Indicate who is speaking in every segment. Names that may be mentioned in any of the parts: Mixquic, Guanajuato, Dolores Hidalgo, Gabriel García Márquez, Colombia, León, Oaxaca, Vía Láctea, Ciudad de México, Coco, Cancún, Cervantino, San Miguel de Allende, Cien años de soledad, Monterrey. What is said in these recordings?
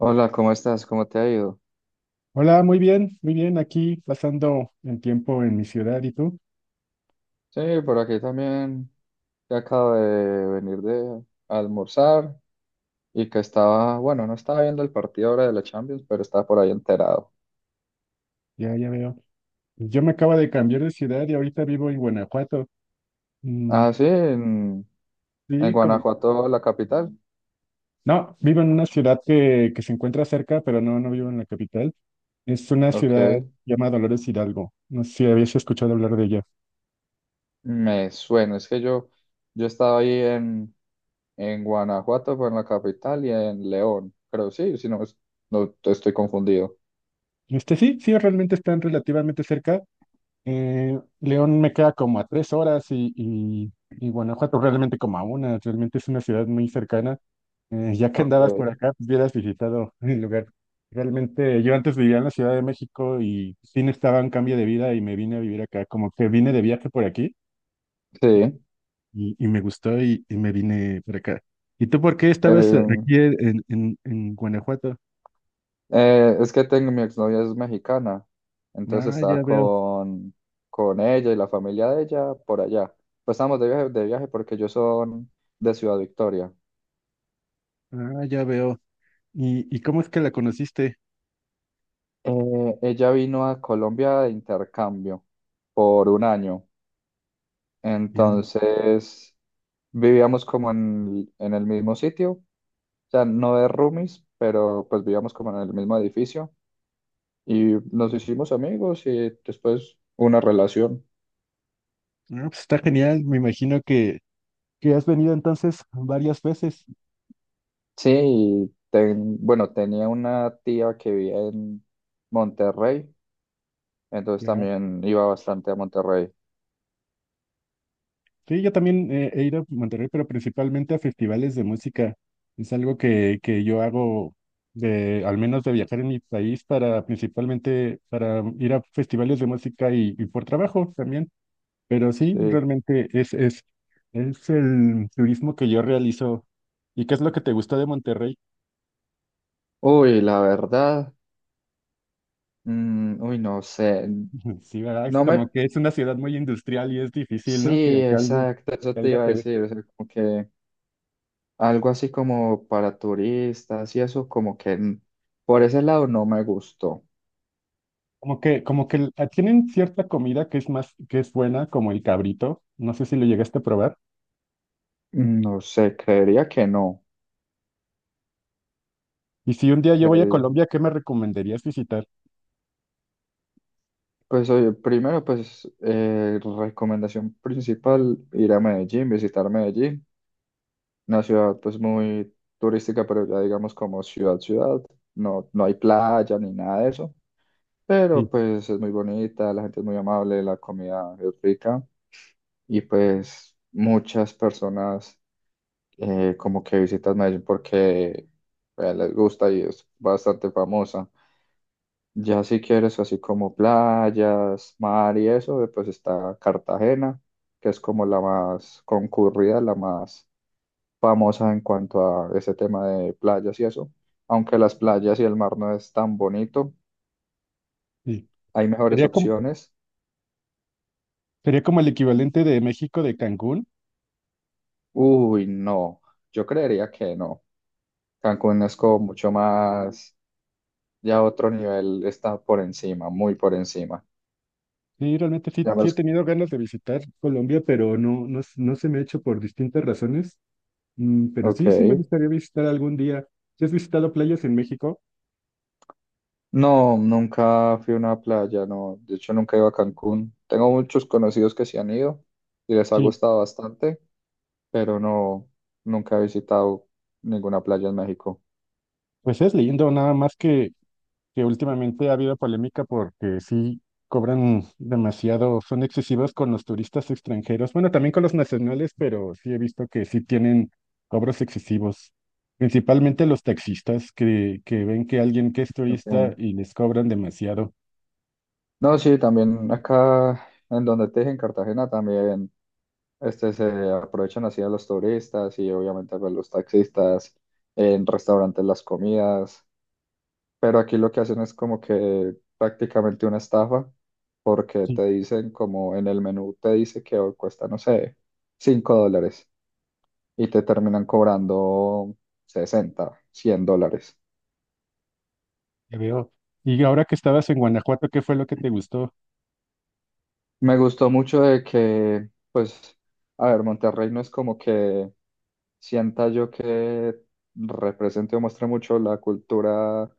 Speaker 1: Hola, ¿cómo estás? ¿Cómo te ha ido?
Speaker 2: Hola, muy bien, muy bien. Aquí pasando el tiempo en mi ciudad, ¿y tú?
Speaker 1: Sí, por aquí también. Que acabo de venir de almorzar y que estaba, no estaba viendo el partido ahora de la Champions, pero estaba por ahí enterado.
Speaker 2: Ya, ya veo. Yo me acabo de cambiar de ciudad y ahorita vivo en Guanajuato. Mm,
Speaker 1: Ah, sí, en, en
Speaker 2: sí, como.
Speaker 1: Guanajuato, la capital.
Speaker 2: No, vivo en una ciudad que se encuentra cerca, pero no, no vivo en la capital. Es una
Speaker 1: Ok,
Speaker 2: ciudad llamada Dolores Hidalgo. No sé si habías escuchado hablar de ella.
Speaker 1: me suena. Yo estaba ahí en Guanajuato, pues en la capital y en León. Creo sí, si no, no estoy confundido.
Speaker 2: Sí, sí, realmente están relativamente cerca. León me queda como a 3 horas y Guanajuato realmente como a una, realmente es una ciudad muy cercana. Ya que andabas por
Speaker 1: Ok.
Speaker 2: acá, pues hubieras visitado el lugar. Realmente yo antes vivía en la Ciudad de México y sí necesitaba un cambio de vida y me vine a vivir acá, como que vine de viaje por aquí
Speaker 1: Sí.
Speaker 2: y me gustó y me vine por acá. ¿Y tú por qué estabas
Speaker 1: em,
Speaker 2: aquí en Guanajuato?
Speaker 1: Es que tengo, mi exnovia es mexicana, entonces
Speaker 2: Ah,
Speaker 1: estaba
Speaker 2: ya veo,
Speaker 1: con ella y la familia de ella por allá. Pues estábamos de viaje porque ellos son de Ciudad Victoria.
Speaker 2: ah, ya veo. Y ¿cómo es que la conociste?
Speaker 1: Ella vino a Colombia de intercambio por un año, entonces vivíamos como en el mismo sitio, o sea, no de roomies, pero pues vivíamos como en el mismo edificio y nos hicimos amigos y después una relación.
Speaker 2: Ah, pues está genial, me imagino que has venido entonces varias veces.
Speaker 1: Sí, y tenía una tía que vivía en Monterrey, entonces
Speaker 2: Ya.
Speaker 1: también iba bastante a Monterrey.
Speaker 2: Sí, yo también he ido a Monterrey, pero principalmente a festivales de música. Es algo que yo hago de, al menos de viajar en mi país para principalmente para ir a festivales de música y por trabajo también. Pero sí,
Speaker 1: Sí.
Speaker 2: realmente es el turismo que yo realizo. ¿Y qué es lo que te gustó de Monterrey?
Speaker 1: Uy, la verdad, uy, no sé.
Speaker 2: Sí, ¿verdad? Es
Speaker 1: No me,
Speaker 2: como que es una ciudad muy industrial y es difícil, ¿no?
Speaker 1: Sí, exacto, eso
Speaker 2: Que
Speaker 1: te
Speaker 2: algo
Speaker 1: iba a
Speaker 2: te
Speaker 1: decir,
Speaker 2: guste.
Speaker 1: o sea, como que algo así como para turistas y eso, por ese lado no me gustó.
Speaker 2: Como que tienen cierta comida que es más, que es buena, como el cabrito. No sé si lo llegaste a probar.
Speaker 1: Mm, no sé, creería que no.
Speaker 2: Y si un día yo voy a Colombia, ¿qué me recomendarías visitar?
Speaker 1: Pues oye, primero, pues recomendación principal, ir a Medellín, visitar Medellín, una ciudad pues muy turística, pero ya digamos como ciudad, no, no hay playa ni nada de eso,
Speaker 2: Sí,
Speaker 1: pero pues es muy bonita, la gente es muy amable, la comida es rica y pues muchas personas como que visitan Medellín porque les gusta y es bastante famosa. Ya si quieres así como playas, mar y eso, pues está Cartagena, que es como la más concurrida, la más famosa en cuanto a ese tema de playas y eso. Aunque las playas y el mar no es tan bonito,
Speaker 2: sí.
Speaker 1: hay mejores
Speaker 2: Sería como,
Speaker 1: opciones.
Speaker 2: sería como el equivalente de México de Cancún.
Speaker 1: Uy, no, yo creería que no. Cancún es como mucho más, ya otro nivel, está por encima, muy por encima.
Speaker 2: Sí, realmente sí,
Speaker 1: Ya
Speaker 2: sí he
Speaker 1: más,
Speaker 2: tenido ganas de visitar Colombia, pero no se me ha hecho por distintas razones. Pero
Speaker 1: ok.
Speaker 2: sí, sí me gustaría visitar algún día. ¿Sí has visitado playas en México?
Speaker 1: No, nunca fui a una playa, no. De hecho, nunca he ido a Cancún. Tengo muchos conocidos que sí han ido y les ha gustado bastante, pero no, nunca he visitado ninguna playa en México.
Speaker 2: Pues es lindo, nada más que últimamente ha habido polémica porque sí cobran demasiado, son excesivos con los turistas extranjeros, bueno, también con los nacionales, pero sí he visto que sí tienen cobros excesivos, principalmente los taxistas que ven que alguien que es turista
Speaker 1: Ok.
Speaker 2: y les cobran demasiado.
Speaker 1: No, sí, también acá en donde te dije, en Cartagena, también se aprovechan así a los turistas y obviamente pues los taxistas, en restaurantes las comidas. Pero aquí lo que hacen es como que prácticamente una estafa, porque
Speaker 2: Sí,
Speaker 1: te dicen como en el menú te dice que hoy cuesta, no sé, $5 y te terminan cobrando 60 100 dólares.
Speaker 2: te veo. Y ahora que estabas en Guanajuato, ¿qué fue lo que te gustó?
Speaker 1: Me gustó mucho de que, pues, a ver, Monterrey no es como que sienta yo que represente o muestre mucho la cultura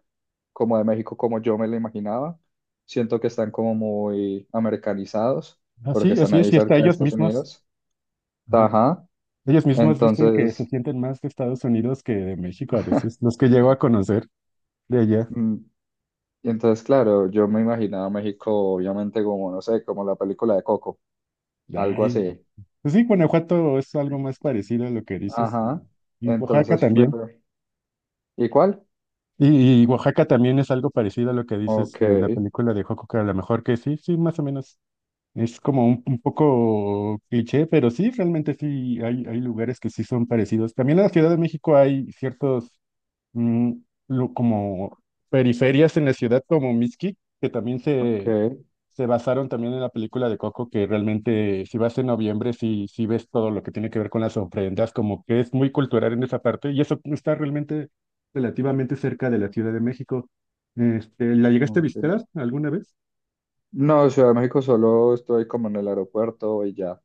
Speaker 1: como de México, como yo me la imaginaba. Siento que están como muy americanizados, porque
Speaker 2: Así,
Speaker 1: están
Speaker 2: así
Speaker 1: ahí
Speaker 2: es, y hasta
Speaker 1: cerca de
Speaker 2: ellos
Speaker 1: Estados
Speaker 2: mismos.
Speaker 1: Unidos.
Speaker 2: Ajá.
Speaker 1: Ajá.
Speaker 2: Ellos mismos dicen que se
Speaker 1: Entonces,
Speaker 2: sienten más de Estados Unidos que de México a veces, los que llego a conocer. De allá.
Speaker 1: mm, y entonces, claro, yo me imaginaba a México, obviamente, como, no sé, como la película de Coco, algo
Speaker 2: Ay,
Speaker 1: así.
Speaker 2: pues sí, Guanajuato es algo más parecido a lo que dices
Speaker 1: Ajá.
Speaker 2: y Oaxaca
Speaker 1: Entonces fui a
Speaker 2: también.
Speaker 1: ver. ¿Y cuál?
Speaker 2: Y Oaxaca también es algo parecido a lo que dices
Speaker 1: Ok,
Speaker 2: de la película de Joco, que a lo mejor que sí, sí, más o menos. Es como un poco cliché, pero sí, realmente sí, hay lugares que sí son parecidos. También en la Ciudad de México hay ciertos, mm, como periferias en la ciudad como Mixquic, que también
Speaker 1: ok,
Speaker 2: se basaron también en la película de Coco, que realmente si vas en noviembre, si ves todo lo que tiene que ver con las ofrendas, como que es muy cultural en esa parte, y eso está realmente relativamente cerca de la Ciudad de México. ¿La llegaste a
Speaker 1: ok.
Speaker 2: visitar alguna vez?
Speaker 1: No, Ciudad de México solo estoy como en el aeropuerto y ya.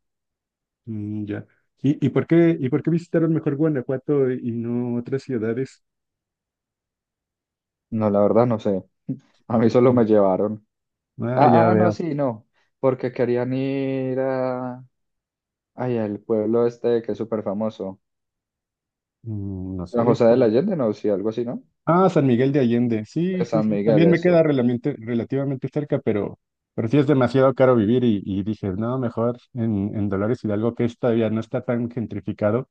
Speaker 2: Ya. ¿Y por qué visitaron mejor Guanajuato y no otras ciudades?
Speaker 1: No, la verdad no sé. A mí solo
Speaker 2: Ujú.
Speaker 1: me llevaron.
Speaker 2: Ah, ya
Speaker 1: No,
Speaker 2: veo.
Speaker 1: sí, no. Porque querían ir a... Ay, al pueblo este que es súper famoso.
Speaker 2: No sé.
Speaker 1: San José de la Allende, no, sí, algo así, ¿no?
Speaker 2: Ah, San Miguel de Allende. Sí,
Speaker 1: De
Speaker 2: sí,
Speaker 1: San
Speaker 2: sí.
Speaker 1: Miguel,
Speaker 2: También me
Speaker 1: eso.
Speaker 2: queda relativamente cerca, pero sí es demasiado caro vivir y dije, no, mejor en Dolores Hidalgo, que es todavía no está tan gentrificado.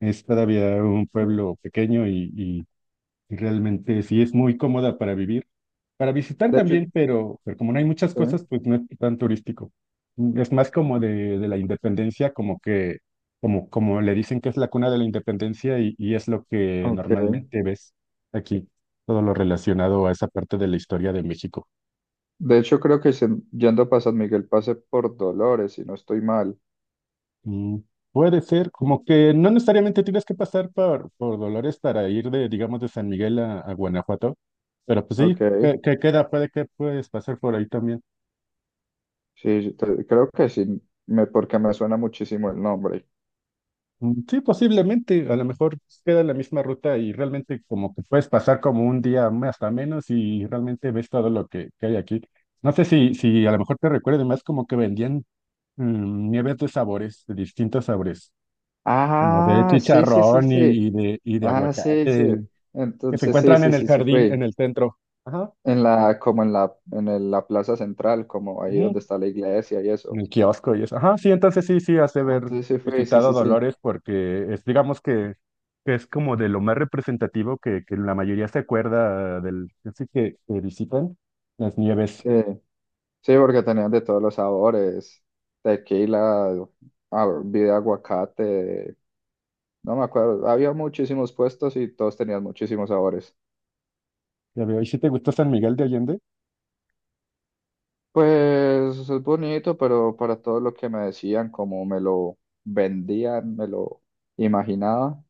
Speaker 2: Es todavía un
Speaker 1: Sí.
Speaker 2: pueblo pequeño y realmente sí es muy cómoda para vivir, para visitar
Speaker 1: De hecho, sí.
Speaker 2: también, pero como no hay muchas cosas, pues no es tan turístico. Es más como de la independencia, como que, como, como le dicen que es la cuna de la independencia y es lo que
Speaker 1: Ok.
Speaker 2: normalmente ves aquí, todo lo relacionado a esa parte de la historia de México.
Speaker 1: De hecho, creo que yendo para San Miguel pasé por Dolores, si no estoy mal.
Speaker 2: Mm, puede ser, como que no necesariamente tienes que pasar por Dolores para ir de, digamos, de San Miguel a Guanajuato, pero pues
Speaker 1: Ok.
Speaker 2: sí, que queda, puede que puedes pasar por ahí también.
Speaker 1: Sí, creo que sí, me, porque me suena muchísimo el nombre.
Speaker 2: Sí, posiblemente, a lo mejor queda la misma ruta y realmente como que puedes pasar como un día más hasta menos y realmente ves todo lo que hay aquí. No sé si a lo mejor te recuerde más como que vendían nieves de sabores, de distintos sabores, como de
Speaker 1: Ah, sí, sí, sí,
Speaker 2: chicharrón
Speaker 1: sí.
Speaker 2: y de
Speaker 1: Ah, sí, sí.
Speaker 2: aguacate, que se
Speaker 1: Entonces, sí,
Speaker 2: encuentran
Speaker 1: sí,
Speaker 2: en el
Speaker 1: sí, sí,
Speaker 2: jardín, en
Speaker 1: fui.
Speaker 2: el centro. Ajá.
Speaker 1: En la, como en la, en el- La plaza central, como ahí donde
Speaker 2: Ujú.
Speaker 1: está la iglesia y
Speaker 2: En
Speaker 1: eso.
Speaker 2: el kiosco y eso. Ajá, sí, entonces sí, hace
Speaker 1: Ah,
Speaker 2: ver
Speaker 1: entonces sí fue, sí,
Speaker 2: quitado
Speaker 1: sí, sí.
Speaker 2: Dolores porque es, digamos que es como de lo más representativo que la mayoría se acuerda del, así que visitan las nieves.
Speaker 1: Sí, sí, porque tenían de todos los sabores, tequila, ah, bebida de aguacate, no me acuerdo. Había muchísimos puestos y todos tenían muchísimos sabores.
Speaker 2: Ya veo, ¿y si te gustó San Miguel de Allende?
Speaker 1: Pues es bonito, pero para todo lo que me decían, como me lo vendían, me lo imaginaba,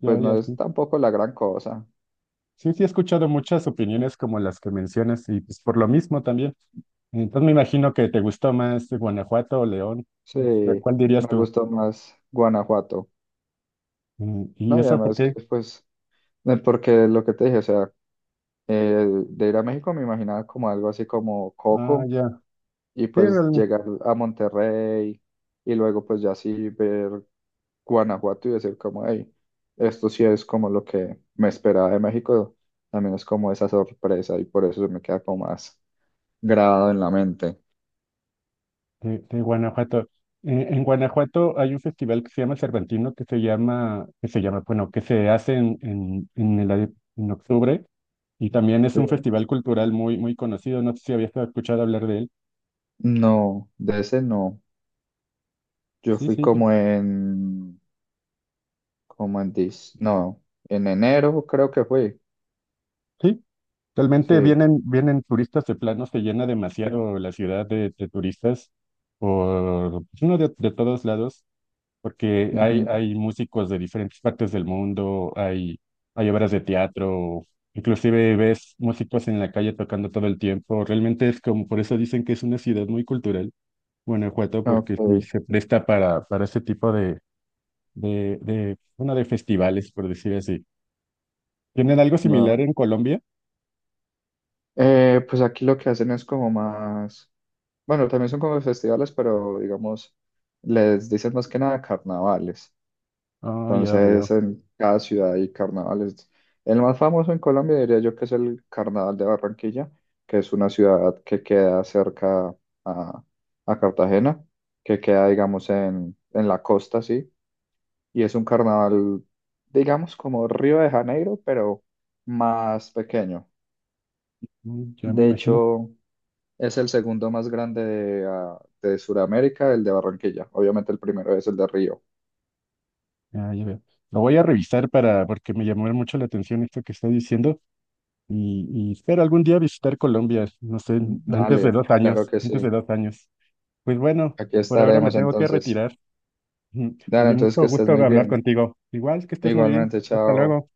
Speaker 2: Ya,
Speaker 1: pues no
Speaker 2: ya,
Speaker 1: es
Speaker 2: sí.
Speaker 1: tampoco la gran cosa.
Speaker 2: Sí, sí, he escuchado muchas opiniones como las que mencionas y pues por lo mismo también. Entonces me imagino que te gustó más Guanajuato o León.
Speaker 1: Sí,
Speaker 2: ¿Cuál dirías
Speaker 1: me
Speaker 2: tú?
Speaker 1: gustó más Guanajuato.
Speaker 2: ¿Y
Speaker 1: No, y
Speaker 2: eso por
Speaker 1: además que,
Speaker 2: qué?
Speaker 1: pues, porque lo que te dije, o sea, de ir a México me imaginaba como algo así como
Speaker 2: Ah,
Speaker 1: Coco
Speaker 2: ya.
Speaker 1: y
Speaker 2: Sí,
Speaker 1: pues
Speaker 2: realmente.
Speaker 1: llegar a Monterrey y luego pues ya sí ver Guanajuato y decir como, hey, esto sí es como lo que me esperaba de México, también es como esa sorpresa y por eso se me queda como más grabado en la mente.
Speaker 2: De, de Guanajuato. En Guanajuato hay un festival que se llama Cervantino, bueno, que se hace en en octubre, y también es
Speaker 1: Sí.
Speaker 2: un festival cultural muy, muy conocido. No sé si habías escuchado hablar de él.
Speaker 1: No, de ese no. Yo
Speaker 2: Sí,
Speaker 1: fui
Speaker 2: sí, sí.
Speaker 1: como en, como en, dis- no, en enero creo que fui,
Speaker 2: Sí, realmente
Speaker 1: sí.
Speaker 2: vienen, vienen turistas de plano, se llena demasiado la ciudad de turistas por pues, uno de todos lados. Porque hay,
Speaker 1: Ujú,
Speaker 2: hay músicos de diferentes partes del mundo, hay obras de teatro, inclusive ves músicos en la calle tocando todo el tiempo. Realmente es como, por eso dicen que es una ciudad muy cultural, Guanajuato, porque sí
Speaker 1: ok,
Speaker 2: se presta para ese tipo de, bueno, de festivales, por decir así. ¿Tienen algo similar
Speaker 1: va.
Speaker 2: en Colombia?
Speaker 1: Pues aquí lo que hacen es como más, bueno, también son como festivales, pero digamos, les dicen más que nada carnavales.
Speaker 2: Ah, ya
Speaker 1: Entonces,
Speaker 2: veo,
Speaker 1: en cada ciudad hay carnavales. El más famoso en Colombia diría yo que es el Carnaval de Barranquilla, que es una ciudad que queda cerca a, a Cartagena, que queda, digamos, en la costa, sí. Y es un carnaval, digamos, como Río de Janeiro, pero más pequeño.
Speaker 2: Ya me
Speaker 1: De
Speaker 2: imagino,
Speaker 1: hecho, es el segundo más grande de, ah, de Sudamérica, el de Barranquilla. Obviamente el primero es el de Río.
Speaker 2: ya, ya veo. Lo voy a revisar para, porque me llamó mucho la atención esto que está diciendo. Y y espero algún día visitar Colombia, no sé, antes de
Speaker 1: Dale,
Speaker 2: dos
Speaker 1: claro
Speaker 2: años,
Speaker 1: que
Speaker 2: antes
Speaker 1: sí.
Speaker 2: de 2 años. Pues bueno,
Speaker 1: Aquí
Speaker 2: por ahora me
Speaker 1: estaremos
Speaker 2: tengo que
Speaker 1: entonces.
Speaker 2: retirar. Me
Speaker 1: Dale,
Speaker 2: dio
Speaker 1: entonces
Speaker 2: mucho
Speaker 1: que estés
Speaker 2: gusto
Speaker 1: muy
Speaker 2: hablar
Speaker 1: bien.
Speaker 2: contigo. Igual que estés muy bien.
Speaker 1: Igualmente,
Speaker 2: Hasta
Speaker 1: chao.
Speaker 2: luego.